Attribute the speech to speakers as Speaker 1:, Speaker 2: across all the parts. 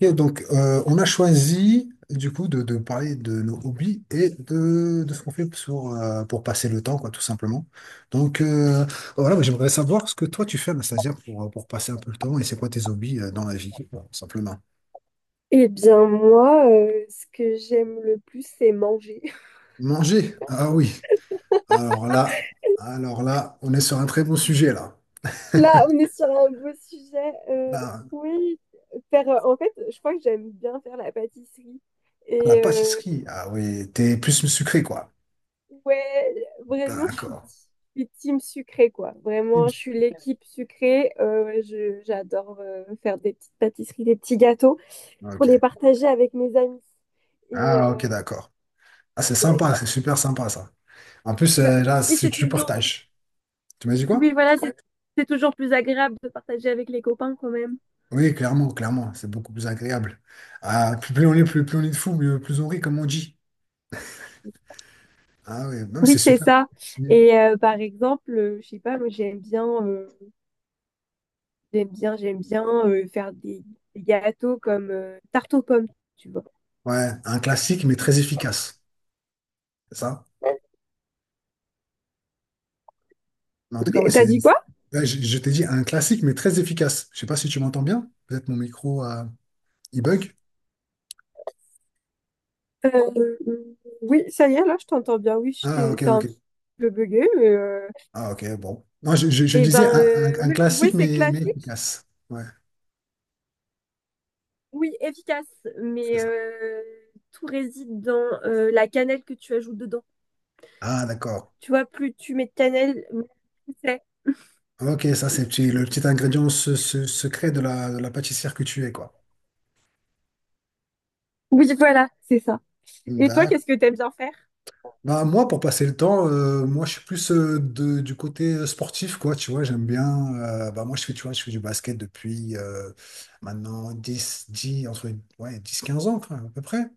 Speaker 1: Ok, donc, on a choisi du coup de parler de nos hobbies et de ce qu'on fait pour passer le temps, quoi, tout simplement. Donc, voilà, moi, j'aimerais savoir ce que toi tu fais, Anastasia, pour passer un peu le temps et c'est quoi tes hobbies dans la vie, quoi, tout simplement.
Speaker 2: Eh bien, moi, ce que j'aime le plus, c'est manger.
Speaker 1: Manger, ah oui. Alors là, alors là, on est sur un très bon sujet là.
Speaker 2: Là, on est sur un beau sujet.
Speaker 1: Là,
Speaker 2: Oui, en fait, je crois que j'aime bien faire la pâtisserie.
Speaker 1: la
Speaker 2: Et euh,
Speaker 1: pâtisserie, ah oui, t'es plus sucré, quoi.
Speaker 2: ouais, vraiment,
Speaker 1: D'accord.
Speaker 2: je suis team sucrée, quoi. Vraiment, je suis l'équipe sucrée. Ouais, j'adore faire des petites pâtisseries, des petits gâteaux pour les
Speaker 1: Ok.
Speaker 2: partager avec mes amis. Et
Speaker 1: Ah
Speaker 2: euh,
Speaker 1: ok, d'accord. Ah, c'est
Speaker 2: ouais.
Speaker 1: sympa, c'est super sympa ça. En plus,
Speaker 2: Bah,
Speaker 1: là,
Speaker 2: mais
Speaker 1: si
Speaker 2: c'est
Speaker 1: tu
Speaker 2: toujours,
Speaker 1: partages, tu m'as dit quoi?
Speaker 2: oui, voilà, c'est toujours plus agréable de partager avec les copains quand même.
Speaker 1: Oui, clairement, clairement, c'est beaucoup plus agréable. Ah, plus, plus on est, plus, plus on est de fou, plus on rit, comme on dit. Ah oui, non, mais
Speaker 2: Oui,
Speaker 1: c'est
Speaker 2: c'est
Speaker 1: super.
Speaker 2: ça.
Speaker 1: Mm.
Speaker 2: Et par exemple, je sais pas, moi j'aime bien faire des gâteaux comme tarte aux pommes, tu vois.
Speaker 1: Ouais, un classique, mais très efficace. C'est ça? Mais en tout cas, ouais,
Speaker 2: T'as
Speaker 1: c'est.
Speaker 2: dit quoi?
Speaker 1: Là, je t'ai dit un classique, mais très efficace. Je sais pas si tu m'entends bien. Peut-être mon micro, il bug.
Speaker 2: Euh, euh, oui, ça y est, là je t'entends bien.
Speaker 1: Ah, ok,
Speaker 2: C'est
Speaker 1: ok.
Speaker 2: un petit peu bugué, mais
Speaker 1: Ah, ok, bon. Non, je
Speaker 2: eh ben,
Speaker 1: disais un,
Speaker 2: euh,
Speaker 1: un- un
Speaker 2: oui, oui,
Speaker 1: classique,
Speaker 2: c'est
Speaker 1: mais
Speaker 2: classique.
Speaker 1: efficace. Ouais,
Speaker 2: Oui, efficace,
Speaker 1: c'est
Speaker 2: mais
Speaker 1: ça.
Speaker 2: euh, tout réside dans la cannelle que tu ajoutes dedans.
Speaker 1: Ah, d'accord.
Speaker 2: Tu vois, plus tu mets de cannelle, mieux c'est.
Speaker 1: Ok, ça c'est le petit ingrédient secret de la pâtissière que tu es, quoi.
Speaker 2: Oui, voilà, c'est ça. Et toi,
Speaker 1: D'accord.
Speaker 2: qu'est-ce que t'aimes bien faire?
Speaker 1: Bah, moi, pour passer le temps, moi, je suis plus du côté sportif, quoi, tu vois, j'aime bien. Bah, moi, je fais, tu vois, je fais du basket depuis maintenant 10, 10 entre ouais, 10 15 ans, quoi, à peu près.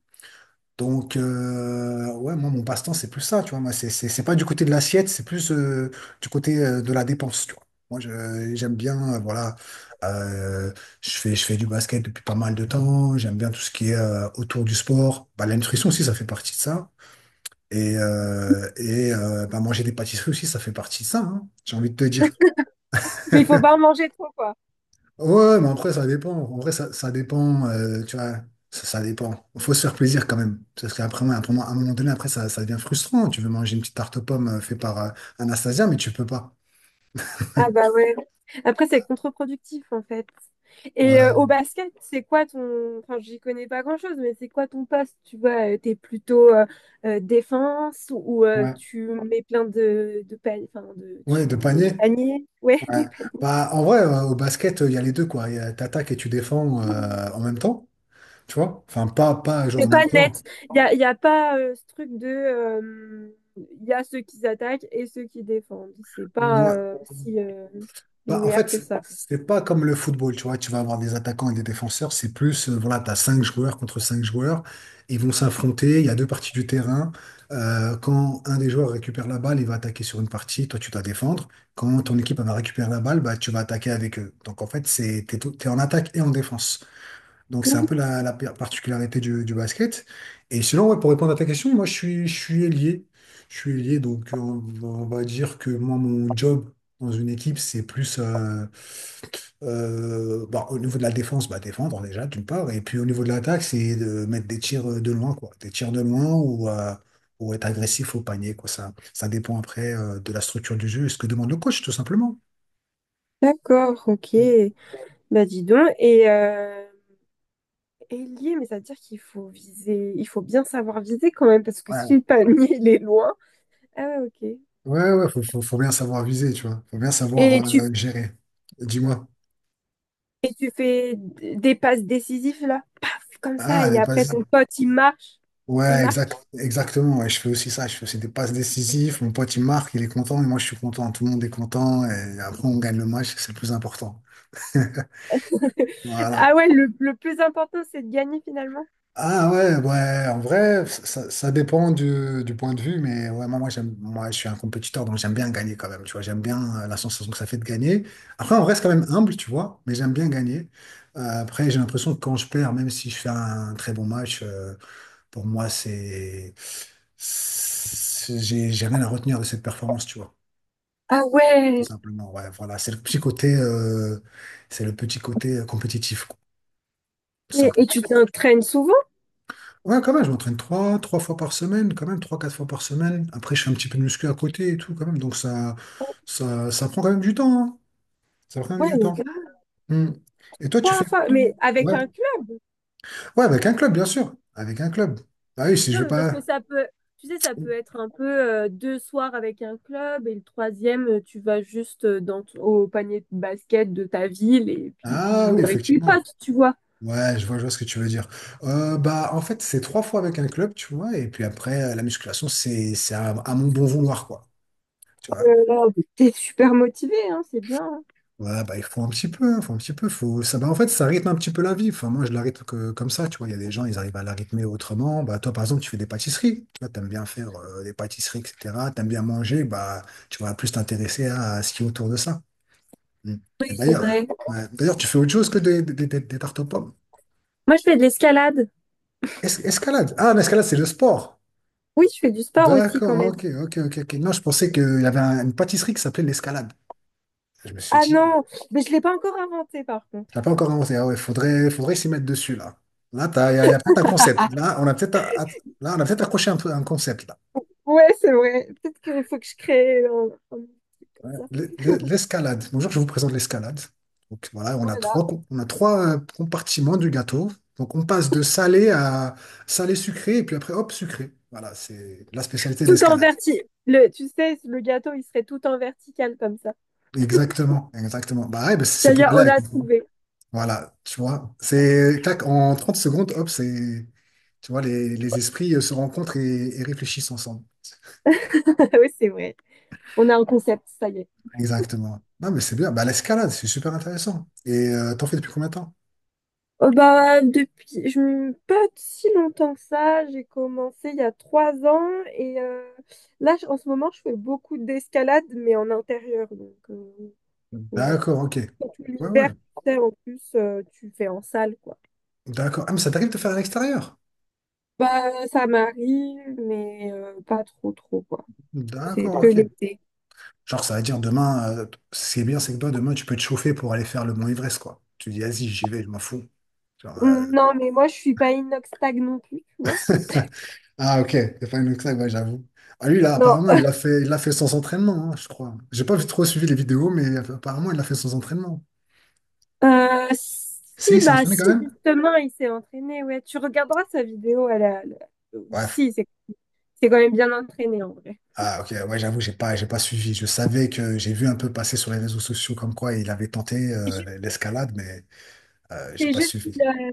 Speaker 1: Donc, ouais, moi, mon passe-temps, c'est plus ça, tu vois. Moi, c'est pas du côté de l'assiette, c'est plus du côté de la dépense, tu vois. Moi, j'aime bien, voilà, euh, je fais du basket depuis pas mal de temps. J'aime bien tout ce qui est autour du sport. Bah, la nutrition aussi, ça fait partie de ça. Et, bah, manger des pâtisseries aussi, ça fait partie de ça, hein, j'ai envie de te dire.
Speaker 2: Mais il faut pas en manger trop, quoi.
Speaker 1: Ouais, ouais, mais après, ça dépend. En vrai, ça dépend, tu vois, ça dépend. Faut se faire plaisir quand même. Parce qu'après, ouais, pour moi, à un moment donné, après, ça devient frustrant. Tu veux manger une petite tarte aux pommes faite par Anastasia, mais tu peux pas.
Speaker 2: Ah bah ouais. Après, c'est contre-productif en fait. Au
Speaker 1: Ouais,
Speaker 2: basket, c'est quoi ton... Enfin, j'y connais pas grand-chose, mais c'est quoi ton poste? Tu vois, t'es plutôt défense ou
Speaker 1: ouais,
Speaker 2: tu mets plein de paniers... Enfin, de...
Speaker 1: ouais, de
Speaker 2: tu mets des
Speaker 1: panier.
Speaker 2: paniers? Ouais,
Speaker 1: Ouais.
Speaker 2: des paniers.
Speaker 1: Bah, en vrai, au basket, il y a les deux, quoi. T'attaques et tu défends en même temps, tu vois. Enfin, pas genre en
Speaker 2: C'est pas
Speaker 1: même temps.
Speaker 2: net. Y a pas ce truc de... Il y a ceux qui attaquent et ceux qui défendent. C'est pas
Speaker 1: Ouais.
Speaker 2: euh, si euh,
Speaker 1: Bah, en
Speaker 2: linéaire que
Speaker 1: fait,
Speaker 2: ça.
Speaker 1: c'est pas comme le football, tu vois, tu vas avoir des attaquants et des défenseurs, c'est plus, voilà, t'as cinq joueurs contre cinq joueurs, ils vont s'affronter, il y a deux parties du terrain. Quand un des joueurs récupère la balle, il va attaquer sur une partie, toi tu dois défendre, quand ton équipe elle va récupérer la balle, bah, tu vas attaquer avec eux. Donc en fait, t'es en attaque et en défense. Donc c'est un peu
Speaker 2: Mhm.
Speaker 1: la, particularité du basket. Et sinon, ouais, pour répondre à ta question, moi je suis ailier. Je suis ailier, donc, on va dire que moi, mon job dans une équipe, c'est plus bah, au niveau de la défense, bah, défendre déjà, d'une part. Et puis au niveau de l'attaque, c'est de mettre des tirs de loin, quoi. Des tirs de loin ou être agressif au panier, quoi. Ça dépend après de la structure du jeu et ce que demande le coach, tout simplement.
Speaker 2: D'accord, ok.
Speaker 1: Mm.
Speaker 2: Bah dis donc, ailier, mais ça veut dire qu'il faut viser, il faut bien savoir viser quand même, parce que si
Speaker 1: Ouais.
Speaker 2: le panier il est loin. Ah ouais, ok.
Speaker 1: Ouais, ouais, faut bien savoir viser, tu vois. Faut bien savoir
Speaker 2: Et tu
Speaker 1: gérer. Dis-moi.
Speaker 2: Et tu fais des passes décisives là, paf, comme ça,
Speaker 1: Ah,
Speaker 2: et
Speaker 1: les
Speaker 2: après
Speaker 1: passes.
Speaker 2: ton pote il marche, il
Speaker 1: Ouais,
Speaker 2: marque.
Speaker 1: exactement. Ouais, je fais aussi ça. Je fais aussi des passes décisives. Mon pote, il marque, il est content, et moi, je suis content. Tout le monde est content. Et après, on gagne le match. C'est le plus important.
Speaker 2: Ah
Speaker 1: Voilà.
Speaker 2: ouais, le plus important c'est de gagner finalement.
Speaker 1: Ah ouais, ouais, en vrai, ça dépend du point de vue, mais ouais, moi, je suis un compétiteur, donc j'aime bien gagner quand même, tu vois, j'aime bien la sensation que ça fait de gagner. Après, on reste quand même humble, tu vois, mais j'aime bien gagner. Après, j'ai l'impression que quand je perds, même si je fais un très bon match, pour moi, j'ai rien à retenir de cette performance, tu vois,
Speaker 2: Ah
Speaker 1: tout
Speaker 2: ouais.
Speaker 1: simplement. Ouais, voilà, c'est le petit côté, c'est le petit côté compétitif, quoi, tout
Speaker 2: Et
Speaker 1: simplement.
Speaker 2: tu t'entraînes souvent?
Speaker 1: Ouais, quand même, je m'entraîne trois fois par semaine, quand même, trois, quatre fois par semaine. Après, je fais un petit peu de muscu à côté et tout, quand même. Donc, ça prend quand même du temps, hein. Ça prend quand même
Speaker 2: Ouais,
Speaker 1: du
Speaker 2: mais
Speaker 1: temps.
Speaker 2: grave.
Speaker 1: Hmm. Et toi, tu fais...
Speaker 2: Trois fois, mais avec
Speaker 1: Ouais.
Speaker 2: un club.
Speaker 1: Ouais, avec un club, bien sûr. Avec un club. Bah oui, si
Speaker 2: Non,
Speaker 1: je vais
Speaker 2: mais parce que
Speaker 1: pas...
Speaker 2: ça peut, tu sais, ça peut être un peu deux soirs avec un club et le troisième, tu vas juste dans au panier de basket de ta ville et puis tu
Speaker 1: Ah oui,
Speaker 2: joues avec tes
Speaker 1: effectivement.
Speaker 2: potes, tu vois.
Speaker 1: Ouais, je vois ce que tu veux dire. Bah, en fait, c'est trois fois avec un club, tu vois, et puis après, la musculation, c'est à mon bon vouloir, quoi. Tu vois.
Speaker 2: Euh, T'es super motivé, hein, c'est bien. Hein.
Speaker 1: Ouais, bah, il faut un petit peu, il faut un petit peu, faut... Ça, bah, en fait, ça rythme un petit peu la vie. Enfin, moi, je la rythme que, comme ça, tu vois. Il y a des gens, ils arrivent à la rythmer autrement. Bah, toi, par exemple, tu fais des pâtisseries. Tu vois, t'aimes bien faire des pâtisseries, etc. T'aimes bien manger, bah, tu vas plus t'intéresser à ce qui est autour de ça. Mm. Et
Speaker 2: Oui, c'est
Speaker 1: d'ailleurs,
Speaker 2: vrai.
Speaker 1: ouais, d'ailleurs, tu fais autre chose que des tartes aux pommes.
Speaker 2: Moi, je fais de l'escalade.
Speaker 1: Escalade. Ah, l'escalade, c'est le sport.
Speaker 2: Oui, je fais du sport aussi quand
Speaker 1: D'accord,
Speaker 2: même.
Speaker 1: ok, ok, ok, ok. Non, je pensais qu'il y avait une pâtisserie qui s'appelait l'escalade. Je me suis
Speaker 2: Ah
Speaker 1: dit,
Speaker 2: non, mais je l'ai pas encore inventé par contre.
Speaker 1: tu l'as pas encore annoncé. Ah ouais, faudrait s'y mettre dessus, là. Là, il y a peut-être un concept. Là, a- on a peut-être accroché un peu un concept, là.
Speaker 2: Ouais, c'est vrai. Peut-être qu'il faut que je crée un truc
Speaker 1: Ouais.
Speaker 2: comme ça.
Speaker 1: L'escalade. Bonjour, je vous présente l'escalade. Donc voilà, on a
Speaker 2: Voilà.
Speaker 1: trois compartiments du gâteau. Donc on passe de salé à salé sucré, et puis après, hop, sucré. Voilà, c'est la spécialité de
Speaker 2: Tout en
Speaker 1: l'escalade.
Speaker 2: vertical. Le, tu sais, le gâteau, il serait tout en vertical comme ça.
Speaker 1: Exactement, exactement. Bah ouais, bah, c'est
Speaker 2: Ça y est,
Speaker 1: pour là.
Speaker 2: on a trouvé.
Speaker 1: Voilà, tu vois, c'est clac, en 30 secondes, hop, c'est, tu vois, les esprits se rencontrent et réfléchissent ensemble.
Speaker 2: oui, c'est vrai. On a un concept, ça y est.
Speaker 1: Exactement. Non, mais c'est bien. Bah, l'escalade, c'est super intéressant. Et t'en fais depuis combien de temps?
Speaker 2: Oh bah, depuis, pas si longtemps que ça, j'ai commencé il y a trois ans et là, en ce moment, je fais beaucoup d'escalade, mais en intérieur. Donc, ouais.
Speaker 1: D'accord, ok.
Speaker 2: Quand tout
Speaker 1: Ouais, ouais.
Speaker 2: l'hiver, tu sais, en plus, tu fais en salle, quoi.
Speaker 1: D'accord. Ah, mais ça t'arrive de faire à l'extérieur?
Speaker 2: Bah, ça m'arrive, mais pas trop, quoi. C'est
Speaker 1: D'accord,
Speaker 2: que
Speaker 1: ok.
Speaker 2: l'été.
Speaker 1: Genre, ça veut dire demain, ce qui est bien, c'est que toi, demain, tu peux te chauffer pour aller faire le Mont Everest, quoi. Tu dis, vas-y, j'y vais, je m'en fous. Genre,
Speaker 2: Non, mais moi, je suis pas inox tag non plus, tu
Speaker 1: euh,
Speaker 2: vois.
Speaker 1: ah, ok, The Final Climb, ouais, j'avoue. Ah, lui, là,
Speaker 2: Non,
Speaker 1: apparemment, il l'a fait sans entraînement, hein, je crois. J'ai pas trop suivi les vidéos, mais apparemment, il l'a fait sans entraînement. Si,
Speaker 2: Si,
Speaker 1: il s'est
Speaker 2: bah,
Speaker 1: entraîné quand
Speaker 2: si,
Speaker 1: même?
Speaker 2: justement, il s'est entraîné, ouais. Tu regarderas sa vidéo, elle a-
Speaker 1: Ouais.
Speaker 2: Si, c'est quand même bien entraîné, en vrai.
Speaker 1: Ah, ok, ouais, j'avoue, j'ai pas suivi. Je savais que j'ai vu un peu passer sur les réseaux sociaux comme quoi il avait tenté
Speaker 2: Ju-
Speaker 1: l'escalade, mais j'ai
Speaker 2: C'est
Speaker 1: pas
Speaker 2: juste qu'il
Speaker 1: suivi.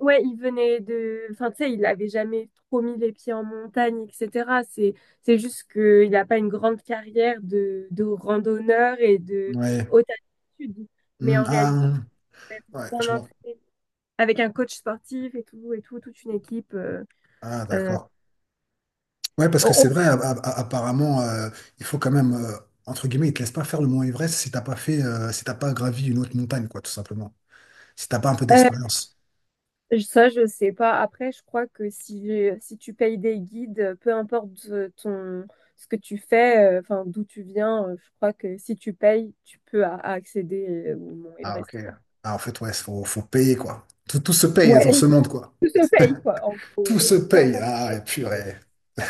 Speaker 2: ouais, il venait de... Enfin, tu sais, il n'avait jamais trop mis les pieds en montagne, etc. C'est juste qu'il n'a pas une grande carrière de randonneur et de
Speaker 1: Ouais.
Speaker 2: haute altitude, mais
Speaker 1: Hmm,
Speaker 2: en
Speaker 1: ah,
Speaker 2: réalité,
Speaker 1: hmm. Ouais,
Speaker 2: bien
Speaker 1: je vois.
Speaker 2: entraîné. Avec un coach sportif et tout, toute une équipe.
Speaker 1: Ah,
Speaker 2: Euh,
Speaker 1: d'accord. Ouais, parce que c'est
Speaker 2: on-
Speaker 1: vrai, apparemment, il faut quand même, entre guillemets, ils te laissent pas faire le Mont Everest si t'as pas fait, si t'as pas gravi une autre montagne, quoi, tout simplement. Si t'as pas un peu
Speaker 2: on-
Speaker 1: d'expérience.
Speaker 2: Ça, je sais pas. Après, je crois que si tu payes des guides, peu importe ton, ce que tu fais, enfin, d'où tu viens, je crois que si tu payes, tu peux accéder au Mont
Speaker 1: Ah, ok.
Speaker 2: Everest, quoi.
Speaker 1: Ah, en fait, ouais, faut payer, quoi. Tout se paye dans
Speaker 2: Ouais,
Speaker 1: ce monde, quoi.
Speaker 2: tout se paye, quoi, en gros,
Speaker 1: Tout se
Speaker 2: peu
Speaker 1: paye.
Speaker 2: importe
Speaker 1: Ah,
Speaker 2: ton
Speaker 1: ouais, purée.
Speaker 2: expérience.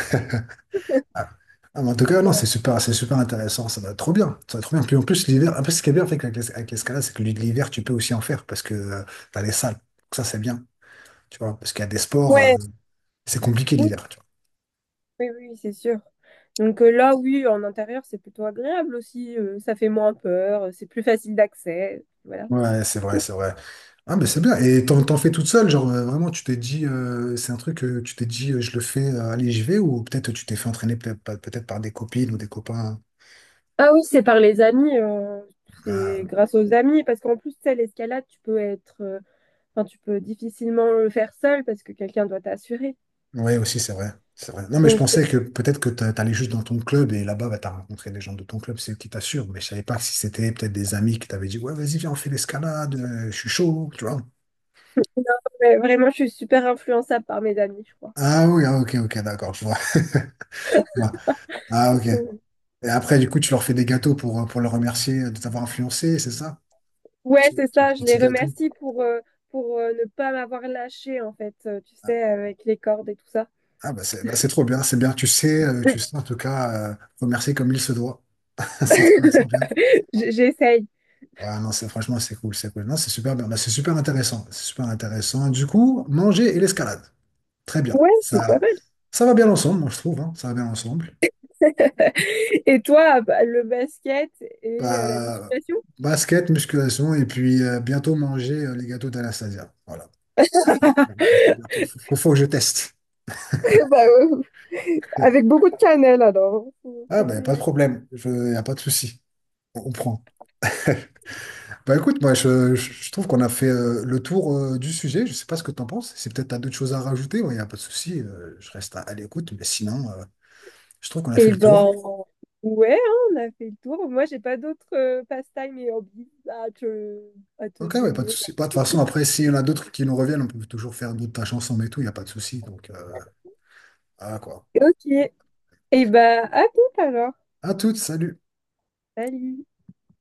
Speaker 1: Ah, Ah, mais en tout cas, non,
Speaker 2: Ouais,
Speaker 1: c'est super intéressant. Ça va être trop bien. Ça va être trop bien. Puis en plus, l'hiver, un peu ce qui est bien avec avec l'escalade, c'est que l'hiver, tu peux aussi en faire parce que tu as les salles. Donc ça, c'est bien. Tu vois, parce qu'il y a des sports,
Speaker 2: Ouais.
Speaker 1: c'est compliqué
Speaker 2: oui,
Speaker 1: l'hiver.
Speaker 2: oui, c'est sûr. Donc là, oui, en intérieur, c'est plutôt agréable aussi. Ça fait moins peur, c'est plus facile d'accès. Voilà.
Speaker 1: Ouais, c'est vrai, c'est vrai. Ah, mais c'est bien. Et t'en fais toute seule, genre vraiment, tu t'es dit, c'est un truc que tu t'es dit, je le fais, allez, j'y vais, ou peut-être tu t'es fait entraîner peut-être par des copines ou des copains.
Speaker 2: Ah oui, c'est par les amis, c'est
Speaker 1: Ah,
Speaker 2: grâce aux amis, parce qu'en plus, tu sais, l'escalade, tu peux enfin, tu peux difficilement le faire seul parce que quelqu'un doit t'assurer.
Speaker 1: ouais, aussi, c'est vrai. C'est vrai. Non, mais je
Speaker 2: Donc,
Speaker 1: pensais que peut-être que t'allais juste dans ton club et là-bas, bah, t'as rencontré des gens de ton club, c'est eux qui t'assurent. Mais je savais pas si c'était peut-être des amis qui t'avaient dit, ouais, vas-y, viens, on fait l'escalade, je suis chaud, tu vois.
Speaker 2: ouais, vraiment, je suis super influençable par mes amis, je crois.
Speaker 1: Ah oui, ah, ok, ok, d'accord, je vois. Ah ok,
Speaker 2: Mm.
Speaker 1: et après, du coup, tu leur fais des gâteaux pour les remercier de t'avoir influencé, c'est ça?
Speaker 2: Ouais,
Speaker 1: Tu,
Speaker 2: c'est
Speaker 1: tu leur
Speaker 2: ça,
Speaker 1: fais des
Speaker 2: je
Speaker 1: petits
Speaker 2: les
Speaker 1: gâteaux.
Speaker 2: remercie pour ne pas m'avoir lâché, en fait, tu sais, avec les cordes et tout ça.
Speaker 1: Ah bah c'est trop bien, c'est bien. Tu sais, tu sais en tout cas remercier comme il se doit. C'est bien.
Speaker 2: J'essaye.
Speaker 1: Ouais, non, c'est franchement c'est cool. Non, c'est super bien. Bah, c'est super intéressant. C'est super intéressant. Du coup, manger et l'escalade. Très bien.
Speaker 2: Ouais, c'est pas
Speaker 1: Ça,
Speaker 2: mal.
Speaker 1: ça va bien ensemble, moi je trouve, hein. Ça va bien ensemble.
Speaker 2: Et toi, bah, le basket et la
Speaker 1: Bah,
Speaker 2: musculation?
Speaker 1: basket, musculation, et puis bientôt manger les gâteaux d'Anastasia. Voilà. Bientôt, bientôt. Faut que je teste.
Speaker 2: Bah, avec beaucoup de cannelle alors.
Speaker 1: Ah,
Speaker 2: Faut
Speaker 1: ben,
Speaker 2: aimer
Speaker 1: pas de
Speaker 2: la
Speaker 1: problème. Y a pas de souci. On prend. Bah, écoute, moi, je trouve qu'on a fait le tour du sujet. Je sais pas ce que t'en penses. Si peut-être t'as d'autres choses à rajouter, il n'y a pas de souci. Je reste à l'écoute. Mais sinon, je trouve qu'on a fait
Speaker 2: Eh
Speaker 1: le tour.
Speaker 2: ben, ouais, hein, on a fait le tour. Moi, j'ai pas d'autres pastimes et hobbies à à te
Speaker 1: Ok, ouais, pas de
Speaker 2: donner. Là.
Speaker 1: souci. Bah, de toute façon, après, s'il y en a d'autres qui nous reviennent, on peut toujours faire d'autres tâches ensemble et tout. Il n'y a pas de souci. Donc, voilà, quoi.
Speaker 2: Ok. Eh ben, à tout alors.
Speaker 1: À toutes, salut.
Speaker 2: Salut.